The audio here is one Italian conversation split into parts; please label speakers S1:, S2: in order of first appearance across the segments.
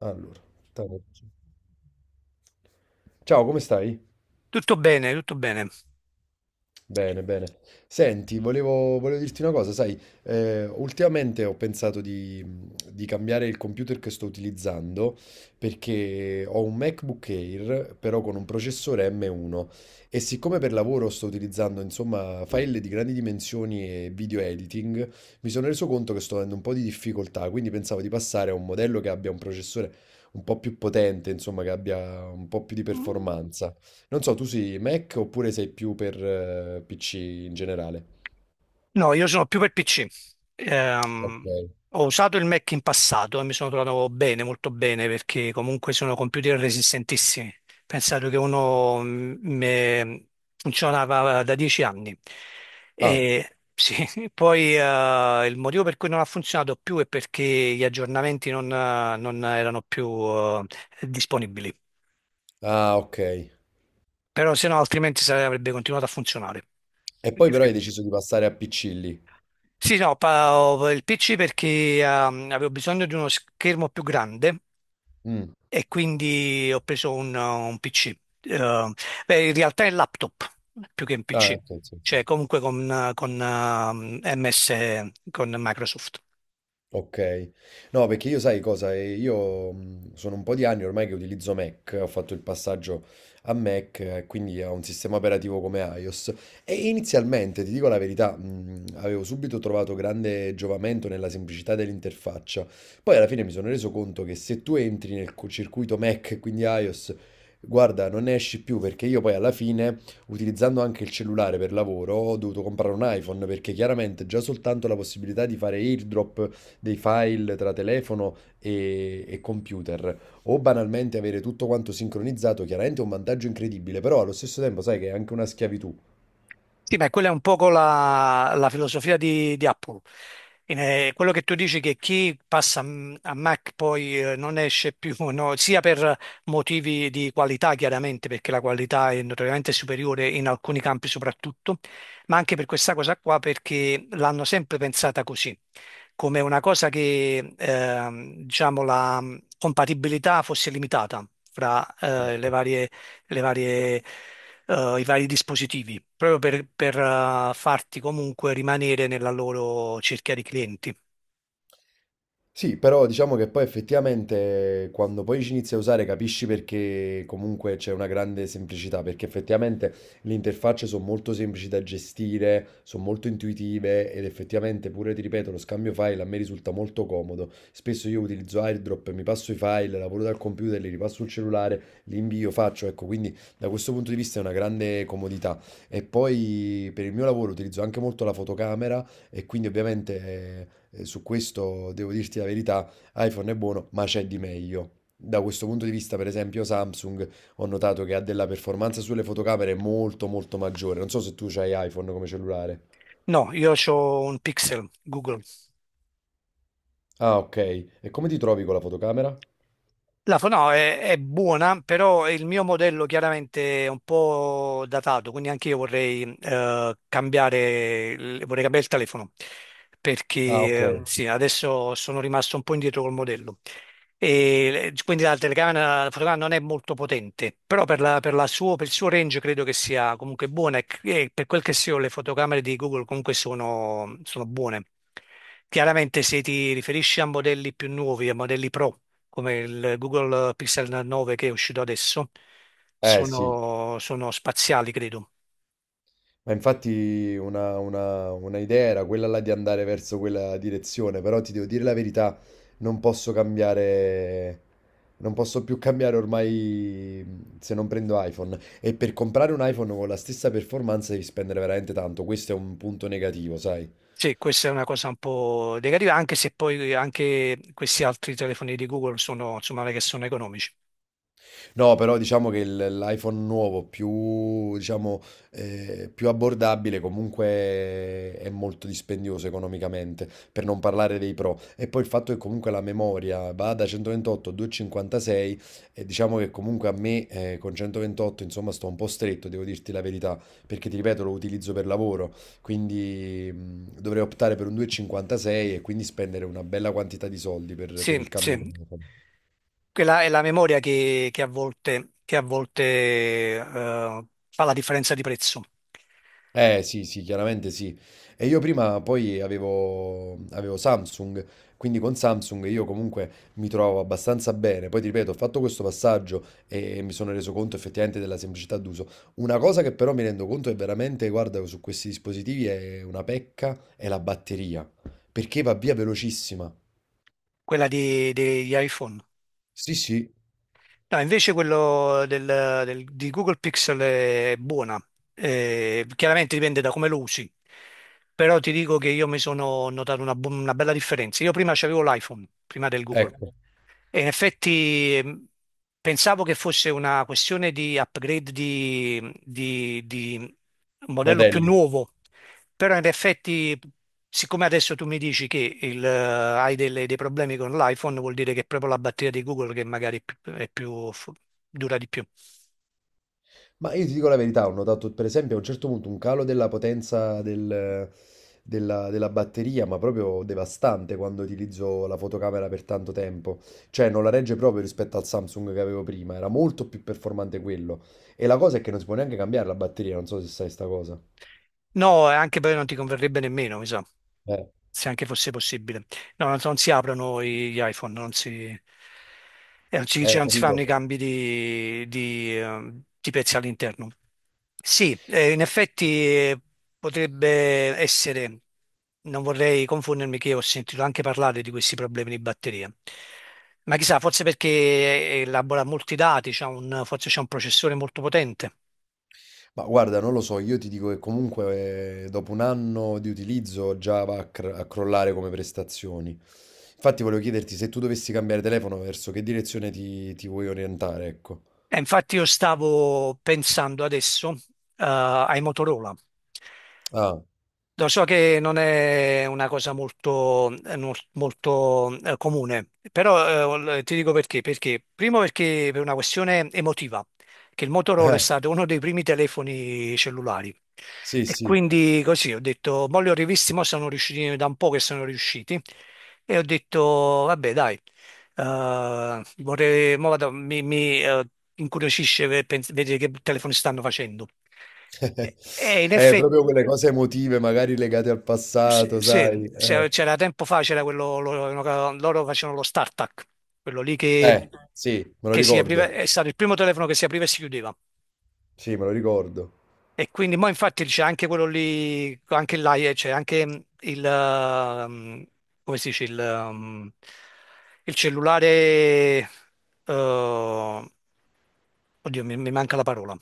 S1: Allora, te la faccio. Ciao, come stai?
S2: Tutto bene, tutto bene.
S1: Bene, bene. Senti, volevo dirti una cosa, sai, ultimamente ho pensato di cambiare il computer che sto utilizzando perché ho un MacBook Air, però con un processore M1. E siccome per lavoro sto utilizzando, insomma, file di grandi dimensioni e video editing, mi sono reso conto che sto avendo un po' di difficoltà, quindi pensavo di passare a un modello che abbia un processore un po' più potente, insomma, che abbia un po' più di
S2: Mm.
S1: performance. Non so, tu sei Mac oppure sei più per PC in generale?
S2: No, io sono più per PC. Ehm,
S1: Ok.
S2: ho usato il Mac in passato e mi sono trovato bene, molto bene, perché comunque sono computer resistentissimi. Pensate che uno funzionava da 10 anni.
S1: Ah,
S2: E sì, poi il motivo per cui non ha funzionato più è perché gli aggiornamenti non erano più disponibili.
S1: ah, ok.
S2: Però se no, altrimenti avrebbe continuato a funzionare.
S1: E poi però hai deciso di passare a PC lì.
S2: Sì, no, ho il PC perché avevo bisogno di uno schermo più grande
S1: Mm.
S2: e quindi ho preso un PC. Eh, beh, in realtà è un laptop più che un
S1: Ah,
S2: PC,
S1: ok, sì, sì.
S2: cioè comunque con MS, con Microsoft.
S1: Ok, no perché io sai cosa, io sono un po' di anni ormai che utilizzo Mac, ho fatto il passaggio a Mac, quindi a un sistema operativo come iOS. E inizialmente, ti dico la verità, avevo subito trovato grande giovamento nella semplicità dell'interfaccia. Poi alla fine mi sono reso conto che se tu entri nel circuito Mac, quindi iOS, guarda, non ne esci più, perché io poi alla fine, utilizzando anche il cellulare per lavoro, ho dovuto comprare un iPhone, perché chiaramente già soltanto la possibilità di fare AirDrop dei file tra telefono e computer, o banalmente avere tutto quanto sincronizzato, chiaramente è un vantaggio incredibile, però allo stesso tempo sai che è anche una schiavitù.
S2: Sì, ma quella è un poco la filosofia di Apple. Quello che tu dici che chi passa a Mac poi non esce più, no, sia per motivi di qualità, chiaramente, perché la qualità è notoriamente superiore in alcuni campi soprattutto, ma anche per questa cosa qua, perché l'hanno sempre pensata così, come una cosa che, diciamo, la compatibilità fosse limitata fra le varie, i vari dispositivi, proprio per farti comunque rimanere nella loro cerchia di clienti.
S1: Sì, però diciamo che poi effettivamente quando poi ci inizi a usare capisci, perché comunque c'è una grande semplicità, perché effettivamente le interfacce sono molto semplici da gestire, sono molto intuitive ed effettivamente pure, ti ripeto, lo scambio file a me risulta molto comodo. Spesso io utilizzo AirDrop, mi passo i file, lavoro dal computer, li ripasso sul cellulare, li invio, faccio, ecco, quindi da questo punto di vista è una grande comodità. E poi per il mio lavoro utilizzo anche molto la fotocamera e quindi ovviamente... su questo devo dirti la verità, iPhone è buono, ma c'è di meglio. Da questo punto di vista, per esempio, Samsung ho notato che ha della performance sulle fotocamere molto molto maggiore. Non so se tu hai iPhone come cellulare.
S2: No, io ho un Pixel Google.
S1: Ah, ok. E come ti trovi con la fotocamera?
S2: No, è buona, però il mio modello chiaramente è un po' datato, quindi anche io vorrei, cambiare, vorrei cambiare il telefono, perché
S1: Ah, ok.
S2: sì, adesso sono rimasto un po' indietro col modello. Quindi la fotocamera non è molto potente, però per il suo range credo che sia comunque buona e per quel che sia le fotocamere di Google comunque sono buone. Chiaramente se ti riferisci a modelli più nuovi, a modelli pro, come il Google Pixel 9 che è uscito adesso,
S1: Eh sì.
S2: sono spaziali credo.
S1: Ma infatti una idea era quella là di andare verso quella direzione, però ti devo dire la verità, non posso cambiare, non posso più cambiare ormai se non prendo iPhone. E per comprare un iPhone con la stessa performance devi spendere veramente tanto, questo è un punto negativo, sai?
S2: Sì, questa è una cosa un po' negativa, anche se poi anche questi altri telefoni di Google sono, insomma, che sono economici.
S1: No, però diciamo che l'iPhone nuovo più, diciamo, più abbordabile comunque è molto dispendioso economicamente, per non parlare dei Pro. E poi il fatto che comunque la memoria va da 128 a 256, e diciamo che comunque a me con 128 insomma sto un po' stretto, devo dirti la verità, perché ti ripeto lo utilizzo per lavoro, quindi dovrei optare per un 256 e quindi spendere una bella quantità di soldi per il
S2: Sì,
S1: cambio. Che
S2: sì.
S1: mi farò.
S2: Quella è la memoria che a volte, fa la differenza di prezzo,
S1: Eh sì, sì, chiaramente sì. E io prima poi avevo Samsung, quindi con Samsung io comunque mi trovo abbastanza bene. Poi ti ripeto, ho fatto questo passaggio e mi sono reso conto effettivamente della semplicità d'uso. Una cosa che però mi rendo conto è veramente, guarda, su questi dispositivi è una pecca, è la batteria, perché va via velocissima.
S2: quella degli iPhone.
S1: Sì, sì,
S2: No, invece quello di Google Pixel è buona. Chiaramente dipende da come lo usi, però ti dico che io mi sono notato una bella differenza. Io prima avevo l'iPhone, prima del Google,
S1: ecco,
S2: e in effetti pensavo che fosse una questione di upgrade di un modello più
S1: modelli.
S2: nuovo, però in effetti, siccome adesso tu mi dici che hai dei problemi con l'iPhone, vuol dire che è proprio la batteria di Google che magari dura di più.
S1: Ma io ti dico la verità, ho notato per esempio a un certo punto un calo della potenza della batteria, ma proprio devastante quando utilizzo la fotocamera per tanto tempo. Cioè non la regge proprio rispetto al Samsung che avevo prima, era molto più performante quello. E la cosa è che non si può neanche cambiare la batteria, non so se sai sta cosa.
S2: No, anche poi non ti converrebbe nemmeno, mi sa,
S1: Eh,
S2: se anche fosse possibile. No, non so, non si aprono gli iPhone, non si, non si, cioè, non si fanno i
S1: capito?
S2: cambi di pezzi all'interno. Sì, in effetti potrebbe essere, non vorrei confondermi che ho sentito anche parlare di questi problemi di batteria, ma chissà, forse perché elabora molti dati, c'ha forse c'è un processore molto potente.
S1: Ma guarda, non lo so, io ti dico che comunque dopo un anno di utilizzo già va a, a crollare come prestazioni. Infatti volevo chiederti se tu dovessi cambiare telefono, verso che direzione ti vuoi orientare, ecco.
S2: Infatti io stavo pensando adesso, ai Motorola.
S1: Ah,
S2: Lo so che non è una cosa molto, no- molto, comune, però ti dico perché. Perché? Primo perché per una questione emotiva, che il Motorola è
S1: eh,
S2: stato uno dei primi telefoni cellulari.
S1: sì,
S2: E
S1: sì.
S2: quindi così ho detto, mo li ho rivisti, mo sono riusciti da un po' che sono riusciti. E ho detto, vabbè, dai, vorrei, mo vado- mi, incuriosisce vedere che telefoni stanno facendo. E, in effetti,
S1: Proprio quelle cose emotive, magari legate al passato,
S2: sì,
S1: sai.
S2: c'era tempo fa, c'era quello, loro facevano lo startup, quello lì che,
S1: Eh, sì, me lo
S2: che si apriva,
S1: ricordo.
S2: è stato il primo telefono che si apriva e si chiudeva.
S1: Sì, me lo ricordo.
S2: E quindi, mo infatti c'è anche quello lì, anche là, c'è anche come si dice, il cellulare, oddio, mi manca la parola.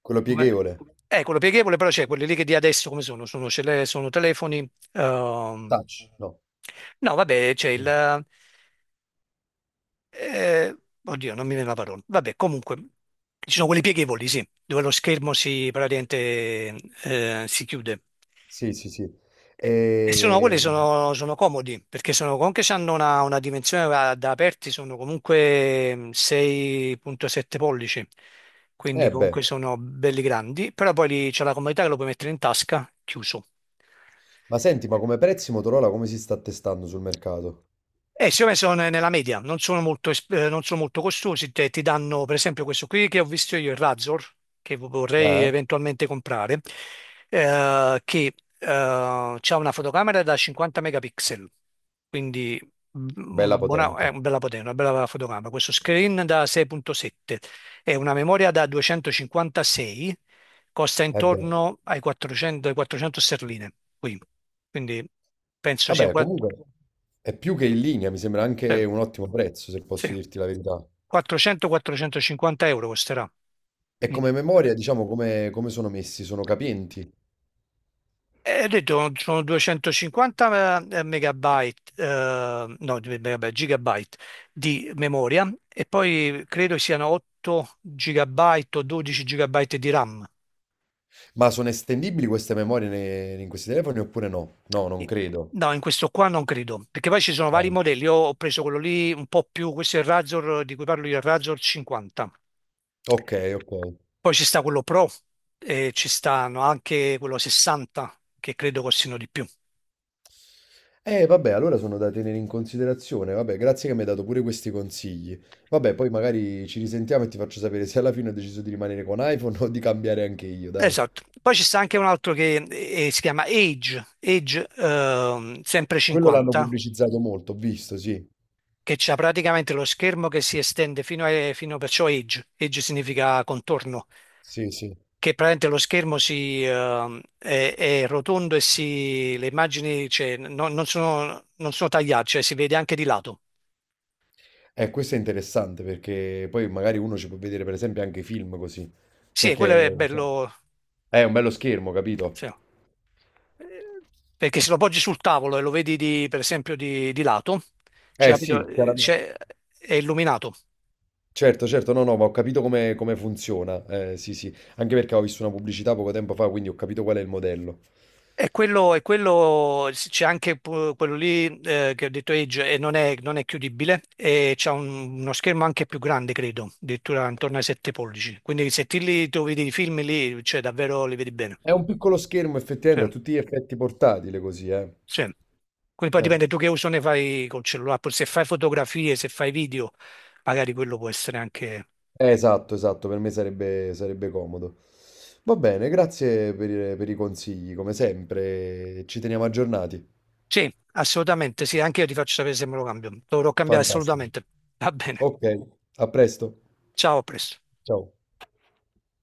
S1: Quello
S2: Come-
S1: pieghevole.
S2: quello pieghevole, però c'è quelli lì che di adesso come sono? Sono telefoni, ehm,
S1: Touch, no.
S2: no, vabbè, c'è eh, oddio, non mi viene la parola. Vabbè, comunque, ci sono quelli pieghevoli, sì, dove lo schermo praticamente si chiude.
S1: Sì, sì, sì.
S2: E e sono, quelli
S1: E...
S2: sono, sono comodi, perché anche se hanno una dimensione da aperti, sono comunque 6,7 pollici, quindi
S1: Eh beh.
S2: comunque sono belli grandi, però poi lì c'è la comodità che lo puoi mettere in tasca, chiuso.
S1: Ma senti, ma come prezzi Motorola come si sta attestando sul mercato?
S2: Secondo me sono nella media, non sono molto, non sono molto costosi, ti danno per esempio questo qui che ho visto io, il Razor, che vorrei
S1: Eh?
S2: eventualmente comprare, che ha una fotocamera da 50 megapixel, quindi mm,
S1: Bella
S2: una buona, è
S1: potente.
S2: una bella potenza, una bella fotocamera, questo screen da 6,7 e una memoria da 256, costa
S1: Eh beh.
S2: intorno ai 400, ai 400 sterline qui, quindi penso sia
S1: Vabbè, comunque è più che in linea, mi sembra
S2: eh,
S1: anche un ottimo prezzo, se posso
S2: sì.
S1: dirti la verità.
S2: 400-450 euro costerà.
S1: E come memoria, diciamo, come, come sono messi? Sono capienti?
S2: E ho detto sono 250 megabyte, no, megabyte, gigabyte di memoria e poi credo siano 8 gigabyte o 12 gigabyte di RAM.
S1: Ma sono estendibili queste memorie in questi telefoni oppure no? No, non
S2: E-
S1: credo.
S2: No, in questo qua non credo, perché poi ci sono
S1: Ah,
S2: vari modelli. Io ho preso quello lì un po' più, questo è il Razor di cui parlo io, il Razor 50.
S1: ok, ok.
S2: Poi ci sta quello Pro e ci stanno anche quello 60 che credo costino di più.
S1: Vabbè, allora sono da tenere in considerazione. Vabbè, grazie che mi hai dato pure questi consigli. Vabbè, poi magari ci risentiamo e ti faccio sapere se alla fine ho deciso di rimanere con iPhone o di cambiare anche io, dai.
S2: Esatto, poi ci sta anche un altro che si chiama Age, sempre
S1: Quello l'hanno
S2: 50,
S1: pubblicizzato molto, ho visto, sì.
S2: che c'ha praticamente lo schermo che si estende fino a, fino- perciò Age significa contorno,
S1: Sì, sì.
S2: che praticamente lo schermo si, è rotondo e si, le immagini cioè, non sono tagliate, cioè si vede anche di lato.
S1: Questo è interessante perché poi magari uno ci può vedere per esempio anche film così.
S2: Sì, e quello è
S1: Perché insomma,
S2: bello,
S1: è un bello schermo, capito?
S2: sì. Eh, perché se lo poggi sul tavolo e lo vedi per esempio di lato, cioè,
S1: Eh
S2: capito,
S1: sì, chiaramente.
S2: è illuminato.
S1: Certo, certo, no, no, ma ho capito come, come funziona. Eh, sì, sì, anche perché ho visto una pubblicità poco tempo fa, quindi ho capito qual è il modello.
S2: E quello, c'è anche quello lì che ho detto Edge e non è, non è chiudibile e c'è uno schermo anche più grande, credo, addirittura intorno ai 7 pollici. Quindi se ti li tu vedi i film lì, cioè davvero li vedi bene.
S1: È un piccolo schermo,
S2: Sì,
S1: effettivamente, a tutti gli effetti portatile così, eh.
S2: sì. Quindi poi
S1: Eh,
S2: dipende tu che uso ne fai col cellulare, poi se fai fotografie, se fai video, magari quello può essere anche...
S1: esatto, esatto, per me sarebbe, sarebbe comodo. Va bene, grazie per i consigli, come sempre, ci teniamo aggiornati.
S2: Sì, assolutamente, sì, anche io ti faccio sapere se me lo cambio. Dovrò cambiare
S1: Fantastico.
S2: assolutamente. Va bene,
S1: Ok, a presto.
S2: ciao, a presto.
S1: Ciao.